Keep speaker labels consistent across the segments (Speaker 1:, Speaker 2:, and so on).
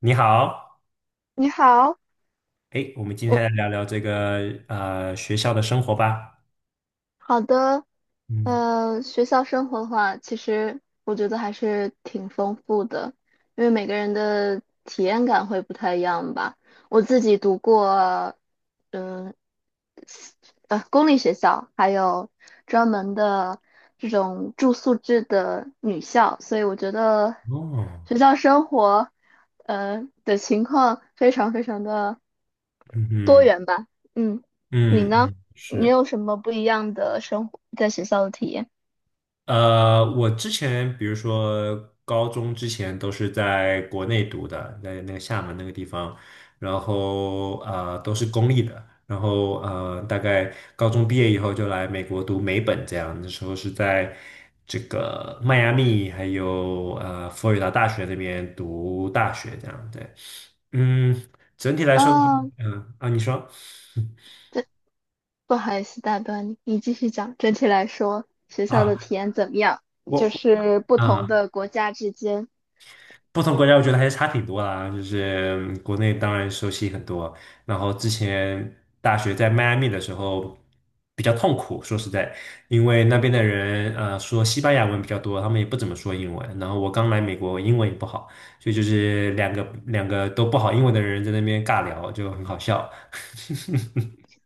Speaker 1: 你好。
Speaker 2: 你好，
Speaker 1: 哎，我们今
Speaker 2: 我
Speaker 1: 天来聊聊这个学校的生活吧。
Speaker 2: 好的，
Speaker 1: 嗯。
Speaker 2: 学校生活的话，其实我觉得还是挺丰富的，因为每个人的体验感会不太一样吧。我自己读过，嗯公立学校，还有专门的这种住宿制的女校，所以我觉得
Speaker 1: 哦。
Speaker 2: 学校生活，的情况非常非常的
Speaker 1: 嗯
Speaker 2: 多
Speaker 1: 嗯
Speaker 2: 元吧。嗯，你
Speaker 1: 嗯
Speaker 2: 呢？
Speaker 1: 嗯，
Speaker 2: 你
Speaker 1: 是。
Speaker 2: 有什么不一样的生活在学校的体验？
Speaker 1: 我之前比如说高中之前都是在国内读的，在那个厦门那个地方，然后都是公立的，然后大概高中毕业以后就来美国读美本这样。那时候是在这个迈阿密还有佛罗里达大学那边读大学这样。对。嗯。整体来说的话，
Speaker 2: 啊，
Speaker 1: 嗯啊你说
Speaker 2: 对，不好意思打断你，你继续讲。整体来说，学校的
Speaker 1: 啊
Speaker 2: 体验怎么样？就
Speaker 1: 我
Speaker 2: 是不同
Speaker 1: 啊。
Speaker 2: 的国家之间。
Speaker 1: 不同国家我觉得还是差挺多啦，就是国内当然熟悉很多。然后之前大学在迈阿密的时候比较痛苦，说实在，因为那边的人说西班牙文比较多，他们也不怎么说英文，然后我刚来美国，我英文也不好，所以就是两个都不好英文的人在那边尬聊，就很好笑。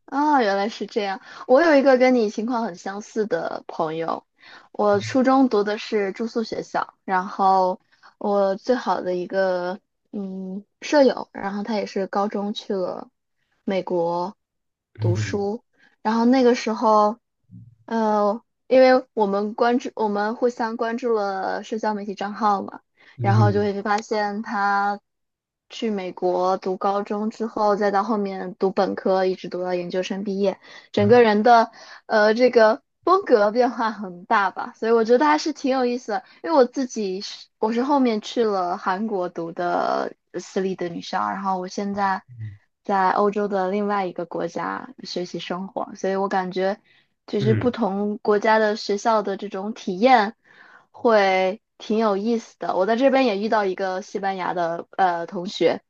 Speaker 2: 啊，原来是这样。我有一个跟你情况很相似的朋友，我初中读的是住宿学校，然后我最好的一个舍友，然后他也是高中去了美国读
Speaker 1: 嗯
Speaker 2: 书，然后那个时候，呃，因为我们关注，我们互相关注了社交媒体账号嘛。然后就
Speaker 1: 嗯
Speaker 2: 会发现他去美国读高中之后，再到后面读本科，一直读到研究生毕业，整
Speaker 1: 嗯
Speaker 2: 个人的这个风格变化很大吧，所以我觉得还是挺有意思的。因为我是后面去了韩国读的私立的女校，然后我现在在欧洲的另外一个国家学习生活，所以我感觉就是不
Speaker 1: 嗯
Speaker 2: 同国家的学校的这种体验，会挺有意思的。我在这边也遇到一个西班牙的同学，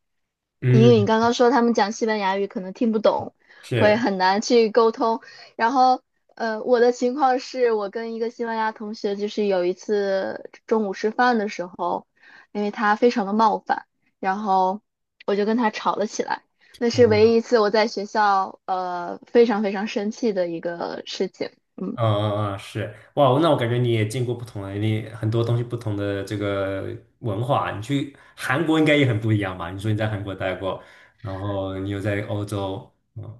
Speaker 2: 因为你
Speaker 1: 嗯，
Speaker 2: 刚刚说他们讲西班牙语可能听不懂，会
Speaker 1: 是。
Speaker 2: 很难去沟通。然后,我的情况是我跟一个西班牙同学，就是有一次中午吃饭的时候，因为他非常的冒犯，然后我就跟他吵了起来。那是唯一一次我在学校非常非常生气的一个事情。嗯。
Speaker 1: 嗯嗯嗯，是，哇，那我感觉你也见过不同的，你很多东西不同的这个文化啊。你去韩国应该也很不一样吧？你说你在韩国待过，然后你又在欧洲。嗯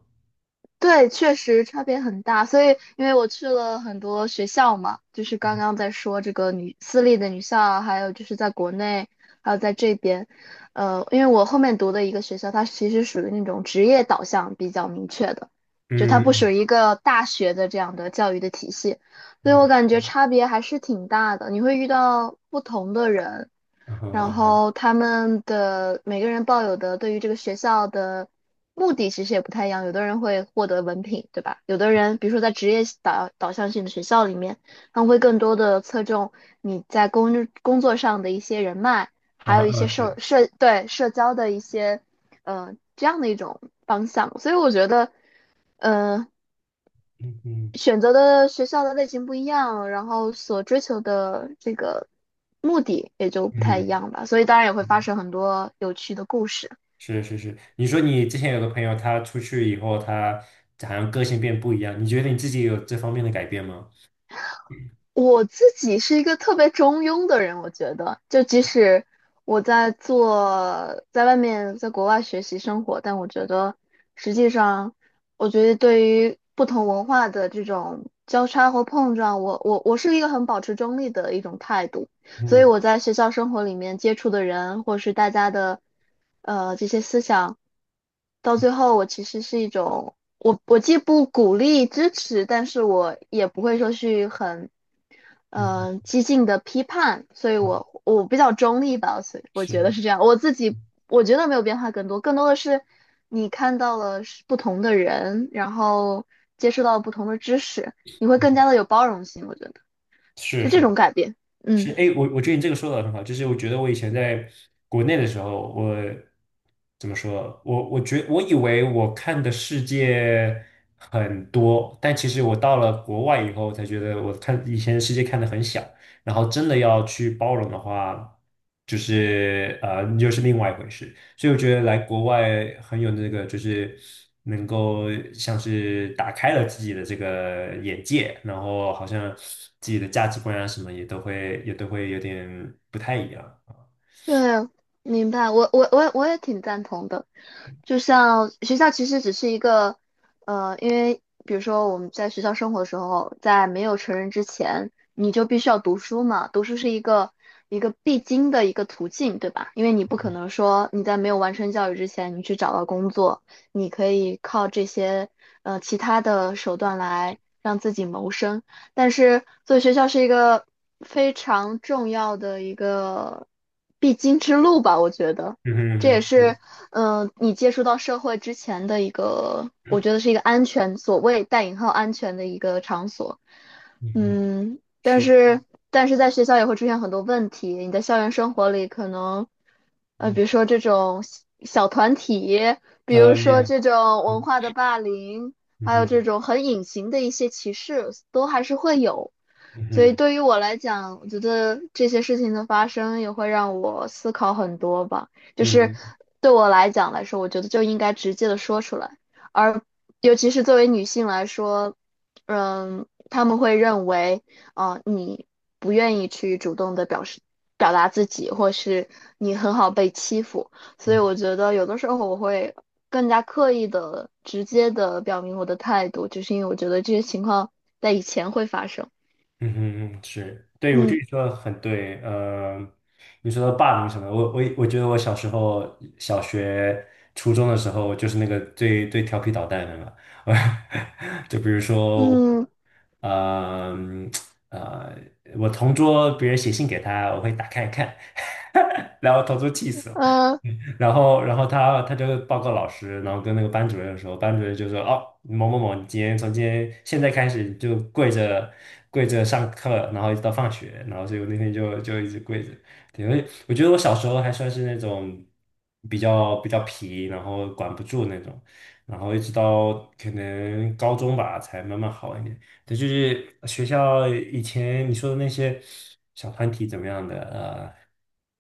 Speaker 2: 对，确实差别很大。所以，因为我去了很多学校嘛，就是刚刚在说这个女私立的女校啊，还有就是在国内，还有在这边，因为我后面读的一个学校，它其实属于那种职业导向比较明确的，就它不属
Speaker 1: 嗯
Speaker 2: 于一个大学的这样的教育的体系，所以我
Speaker 1: 嗯
Speaker 2: 感觉差别还是挺大的。你会遇到不同的人，然
Speaker 1: 嗯
Speaker 2: 后他们的每个人抱有的对于这个学校的目的其实也不太一样，有的人会获得文凭，对吧？有的人，比如说在职业导向性的学校里面，他们会更多的侧重你在工作上的一些人脉，
Speaker 1: 嗯
Speaker 2: 还有一些
Speaker 1: 嗯，
Speaker 2: 社
Speaker 1: 是。
Speaker 2: 社对社交的一些，这样的一种方向。所以我觉得，嗯、
Speaker 1: 嗯嗯
Speaker 2: 选择的学校的类型不一样，然后所追求的这个目的也就不太一
Speaker 1: 嗯。
Speaker 2: 样吧，所以当然也会发
Speaker 1: 嗯，
Speaker 2: 生很多有趣的故事。
Speaker 1: 是是是。你说你之前有个朋友，他出去以后，他好像个性变不一样，你觉得你自己有这方面的改变吗？
Speaker 2: 我自己是一个特别中庸的人，我觉得，就即使我在做，在外面，在国外学习生活，但我觉得实际上，我觉得对于不同文化的这种交叉和碰撞，我是一个很保持中立的一种态度。所以
Speaker 1: 嗯
Speaker 2: 我在学校生活里面接触的人，或是大家的这些思想，到最后我其实是一种，我既不鼓励支持，但是我也不会说去很
Speaker 1: 嗯。嗯
Speaker 2: 激进的批判，所以
Speaker 1: 嗯，
Speaker 2: 我比较中立吧，所以我觉得
Speaker 1: 是
Speaker 2: 是这样。我自己我觉得没有变化更多，更多的是你看到了是不同的人，然后接触到了不同的知识，你会更加的有包容性，我觉得
Speaker 1: 是
Speaker 2: 是这
Speaker 1: 是。
Speaker 2: 种改变，嗯。
Speaker 1: 是。哎，我觉得你这个说的很好。就是我觉得我以前在国内的时候，我怎么说？我以为我看的世界很多，但其实我到了国外以后，才觉得我看以前的世界看的很小。然后真的要去包容的话，就是又是另外一回事。所以我觉得来国外很有那个，就是能够像是打开了自己的这个眼界，然后好像自己的价值观啊什么也都会有点不太一样啊。
Speaker 2: 对，明白，我也挺赞同的。就像学校其实只是一个，因为比如说我们在学校生活的时候，在没有成人之前，你就必须要读书嘛，读书是一个必经的一个途径，对吧？因为你不可能说你在没有完成教育之前，你去找到工作，你可以靠这些其他的手段来让自己谋生。但是所以学校是一个非常重要的一个必经之路吧，我觉得
Speaker 1: 嗯哼嗯
Speaker 2: 这也
Speaker 1: 哼，
Speaker 2: 是
Speaker 1: 是。
Speaker 2: 你接触到社会之前的一个，我觉得是一个安全，所谓带引号安全的一个场所。
Speaker 1: 嗯哼，
Speaker 2: 嗯，但
Speaker 1: 是。
Speaker 2: 是在学校也会出现很多问题，你在校园生活里可能，
Speaker 1: 嗯。
Speaker 2: 比如说这种小团体，比如
Speaker 1: 啊
Speaker 2: 说
Speaker 1: 耶。
Speaker 2: 这种文
Speaker 1: 嗯。
Speaker 2: 化的霸凌，
Speaker 1: 嗯
Speaker 2: 还有
Speaker 1: 哼
Speaker 2: 这种很隐形的一些歧视，都还是会有。
Speaker 1: 嗯
Speaker 2: 所以
Speaker 1: 哼
Speaker 2: 对于我来讲，我觉得这些事情的发生也会让我思考很多吧。就是
Speaker 1: 嗯
Speaker 2: 对我来讲来说，我觉得就应该直接的说出来，而尤其是作为女性来说，嗯，他们会认为，啊，你不愿意去主动的表达自己，或是你很好被欺负。所以
Speaker 1: 哼。
Speaker 2: 我觉得有的时候我会更加刻意的、直接的表明我的态度，就是因为我觉得这些情况在以前会发生。
Speaker 1: 嗯哼，嗯，是，对，我觉得
Speaker 2: 嗯
Speaker 1: 你说的很对。你说的霸凌什么的我觉得我小时候小学、初中的时候就是那个最最调皮捣蛋的嘛。就比如说我，
Speaker 2: 嗯
Speaker 1: 呃呃我同桌别人写信给他，我会打开看。然后同桌气死了。
Speaker 2: 呃，
Speaker 1: 然后，他就报告老师。然后跟那个班主任的时候，班主任就说：“哦，某某某，你今天从今天现在开始就跪着跪着上课，然后一直到放学。”然后所以我那天就一直跪着。对。我觉得我小时候还算是那种比较皮，然后管不住那种，然后一直到可能高中吧，才慢慢好一点。对，就是学校以前你说的那些小团体怎么样的，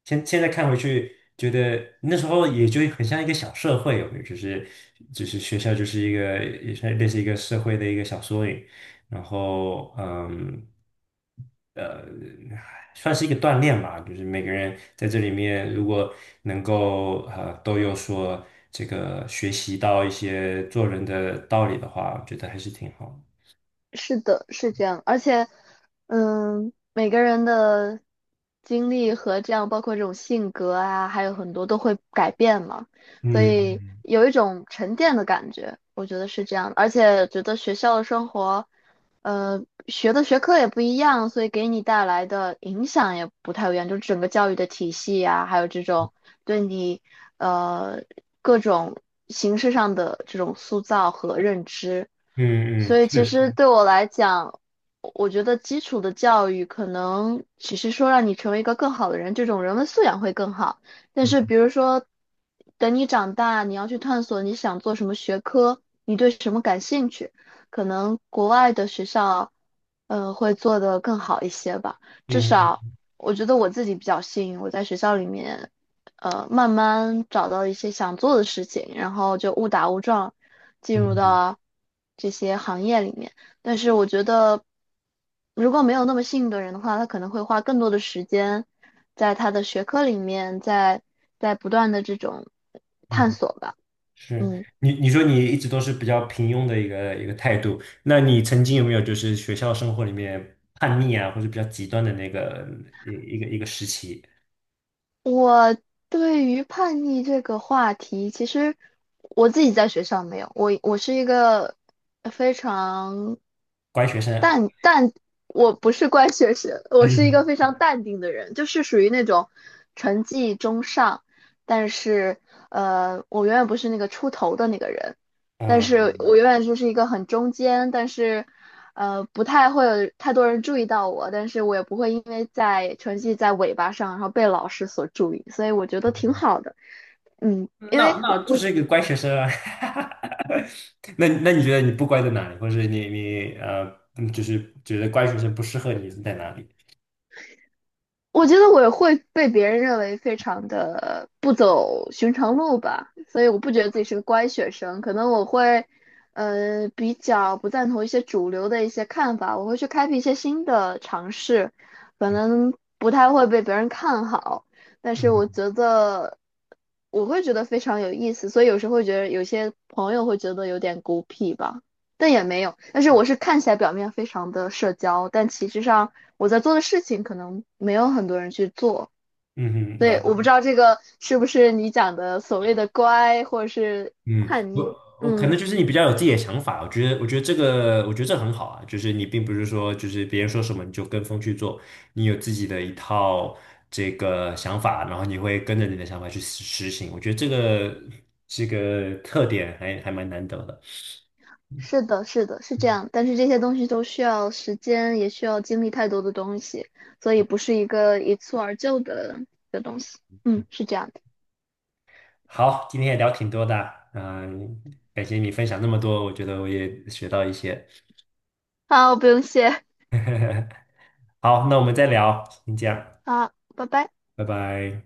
Speaker 1: 现在看回去，觉得那时候也就很像一个小社会。有没有就是学校就是一个也是类似一个社会的一个小缩影。然后呃，算是一个锻炼吧。就是每个人在这里面如果能够都有所这个学习到一些做人的道理的话，我觉得还是挺好的。
Speaker 2: 是的，是这样，而且嗯，每个人的经历和这样，包括这种性格啊，还有很多都会改变嘛，所以
Speaker 1: 嗯。
Speaker 2: 有一种沉淀的感觉，我觉得是这样的而且觉得学校的生活学的学科也不一样，所以给你带来的影响也不太一样，就是整个教育的体系呀，还有这种对你呃各种形式上的这种塑造和认知。
Speaker 1: 嗯嗯，
Speaker 2: 所以
Speaker 1: 确
Speaker 2: 其
Speaker 1: 实。
Speaker 2: 实对我来讲，我觉得基础的教育可能只是说让你成为一个更好的人，这种人文素养会更好。但是
Speaker 1: 嗯
Speaker 2: 比如说，等你长大，你要去探索你想做什么学科，你对什么感兴趣。可能国外的学校，会做得更好一些吧。至少
Speaker 1: 嗯
Speaker 2: 我觉得我自己比较幸运，我在学校里面，慢慢找到一些想做的事情，然后就误打误撞进入
Speaker 1: 嗯
Speaker 2: 到这些行业里面。但是我觉得，如果没有那么幸运的人的话，他可能会花更多的时间在他的学科里面，在不断的这种
Speaker 1: 嗯。
Speaker 2: 探
Speaker 1: 嗯。
Speaker 2: 索吧。
Speaker 1: 是。
Speaker 2: 嗯。
Speaker 1: 你说你一直都是比较平庸的一个态度。那你曾经有没有就是学校生活里面叛逆啊，或者比较极端的那个一一个时期？
Speaker 2: 我对于叛逆这个话题，其实我自己在学校没有，我是一个非常
Speaker 1: 乖学生？
Speaker 2: 淡淡，我不是乖学生，我
Speaker 1: 还是
Speaker 2: 是一个非常淡定的人，就是属于那种成绩中上，但是我永远不是那个出头的那个人。但是
Speaker 1: 嗯，
Speaker 2: 我永远就是一个很中间，但是，不太会有太多人注意到我，但是我也不会因为在成绩在尾巴上，然后被老师所注意，所以我觉得挺好的。嗯，因为
Speaker 1: 那就
Speaker 2: 我。
Speaker 1: 是一个乖学生啊？那你觉得你不乖在哪里，或者是你嗯就是觉得乖学生不适合你是在哪里？
Speaker 2: 我觉得我会被别人认为非常的不走寻常路吧，所以我不觉得自己是个乖学生，可能我会，比较不赞同一些主流的一些看法，我会去开辟一些新的尝试，可
Speaker 1: 嗯
Speaker 2: 能不太会被别人看好，但是我
Speaker 1: 嗯
Speaker 2: 觉得我会觉得非常有意思，所以有时候会觉得有些朋友会觉得有点孤僻吧。但也没有。但是我是看起来表面非常的社交，但其实上我在做的事情可能没有很多人去做。
Speaker 1: 嗯，哼，
Speaker 2: 所以
Speaker 1: 了
Speaker 2: 我不
Speaker 1: 解。
Speaker 2: 知道这个是不是你讲的所谓的乖或者是
Speaker 1: 嗯，
Speaker 2: 叛逆。
Speaker 1: 我可
Speaker 2: 嗯，
Speaker 1: 能就是你比较有自己的想法。我觉得这很好啊。就是你并不是说就是别人说什么你就跟风去做，你有自己的一套这个想法，然后你会跟着你的想法去实行，我觉得这个特点还蛮难得的。
Speaker 2: 是的，是的，是这样。但是这些东西都需要时间，也需要经历太多的东西，所以不是一个一蹴而就的东西。嗯，是这样的。
Speaker 1: 好，今天也聊挺多的。嗯，感谢你分享那么多，我觉得我也学到一些。
Speaker 2: 好，不用谢。
Speaker 1: 好，那我们再聊，先这样。
Speaker 2: 好，拜拜。
Speaker 1: 拜拜。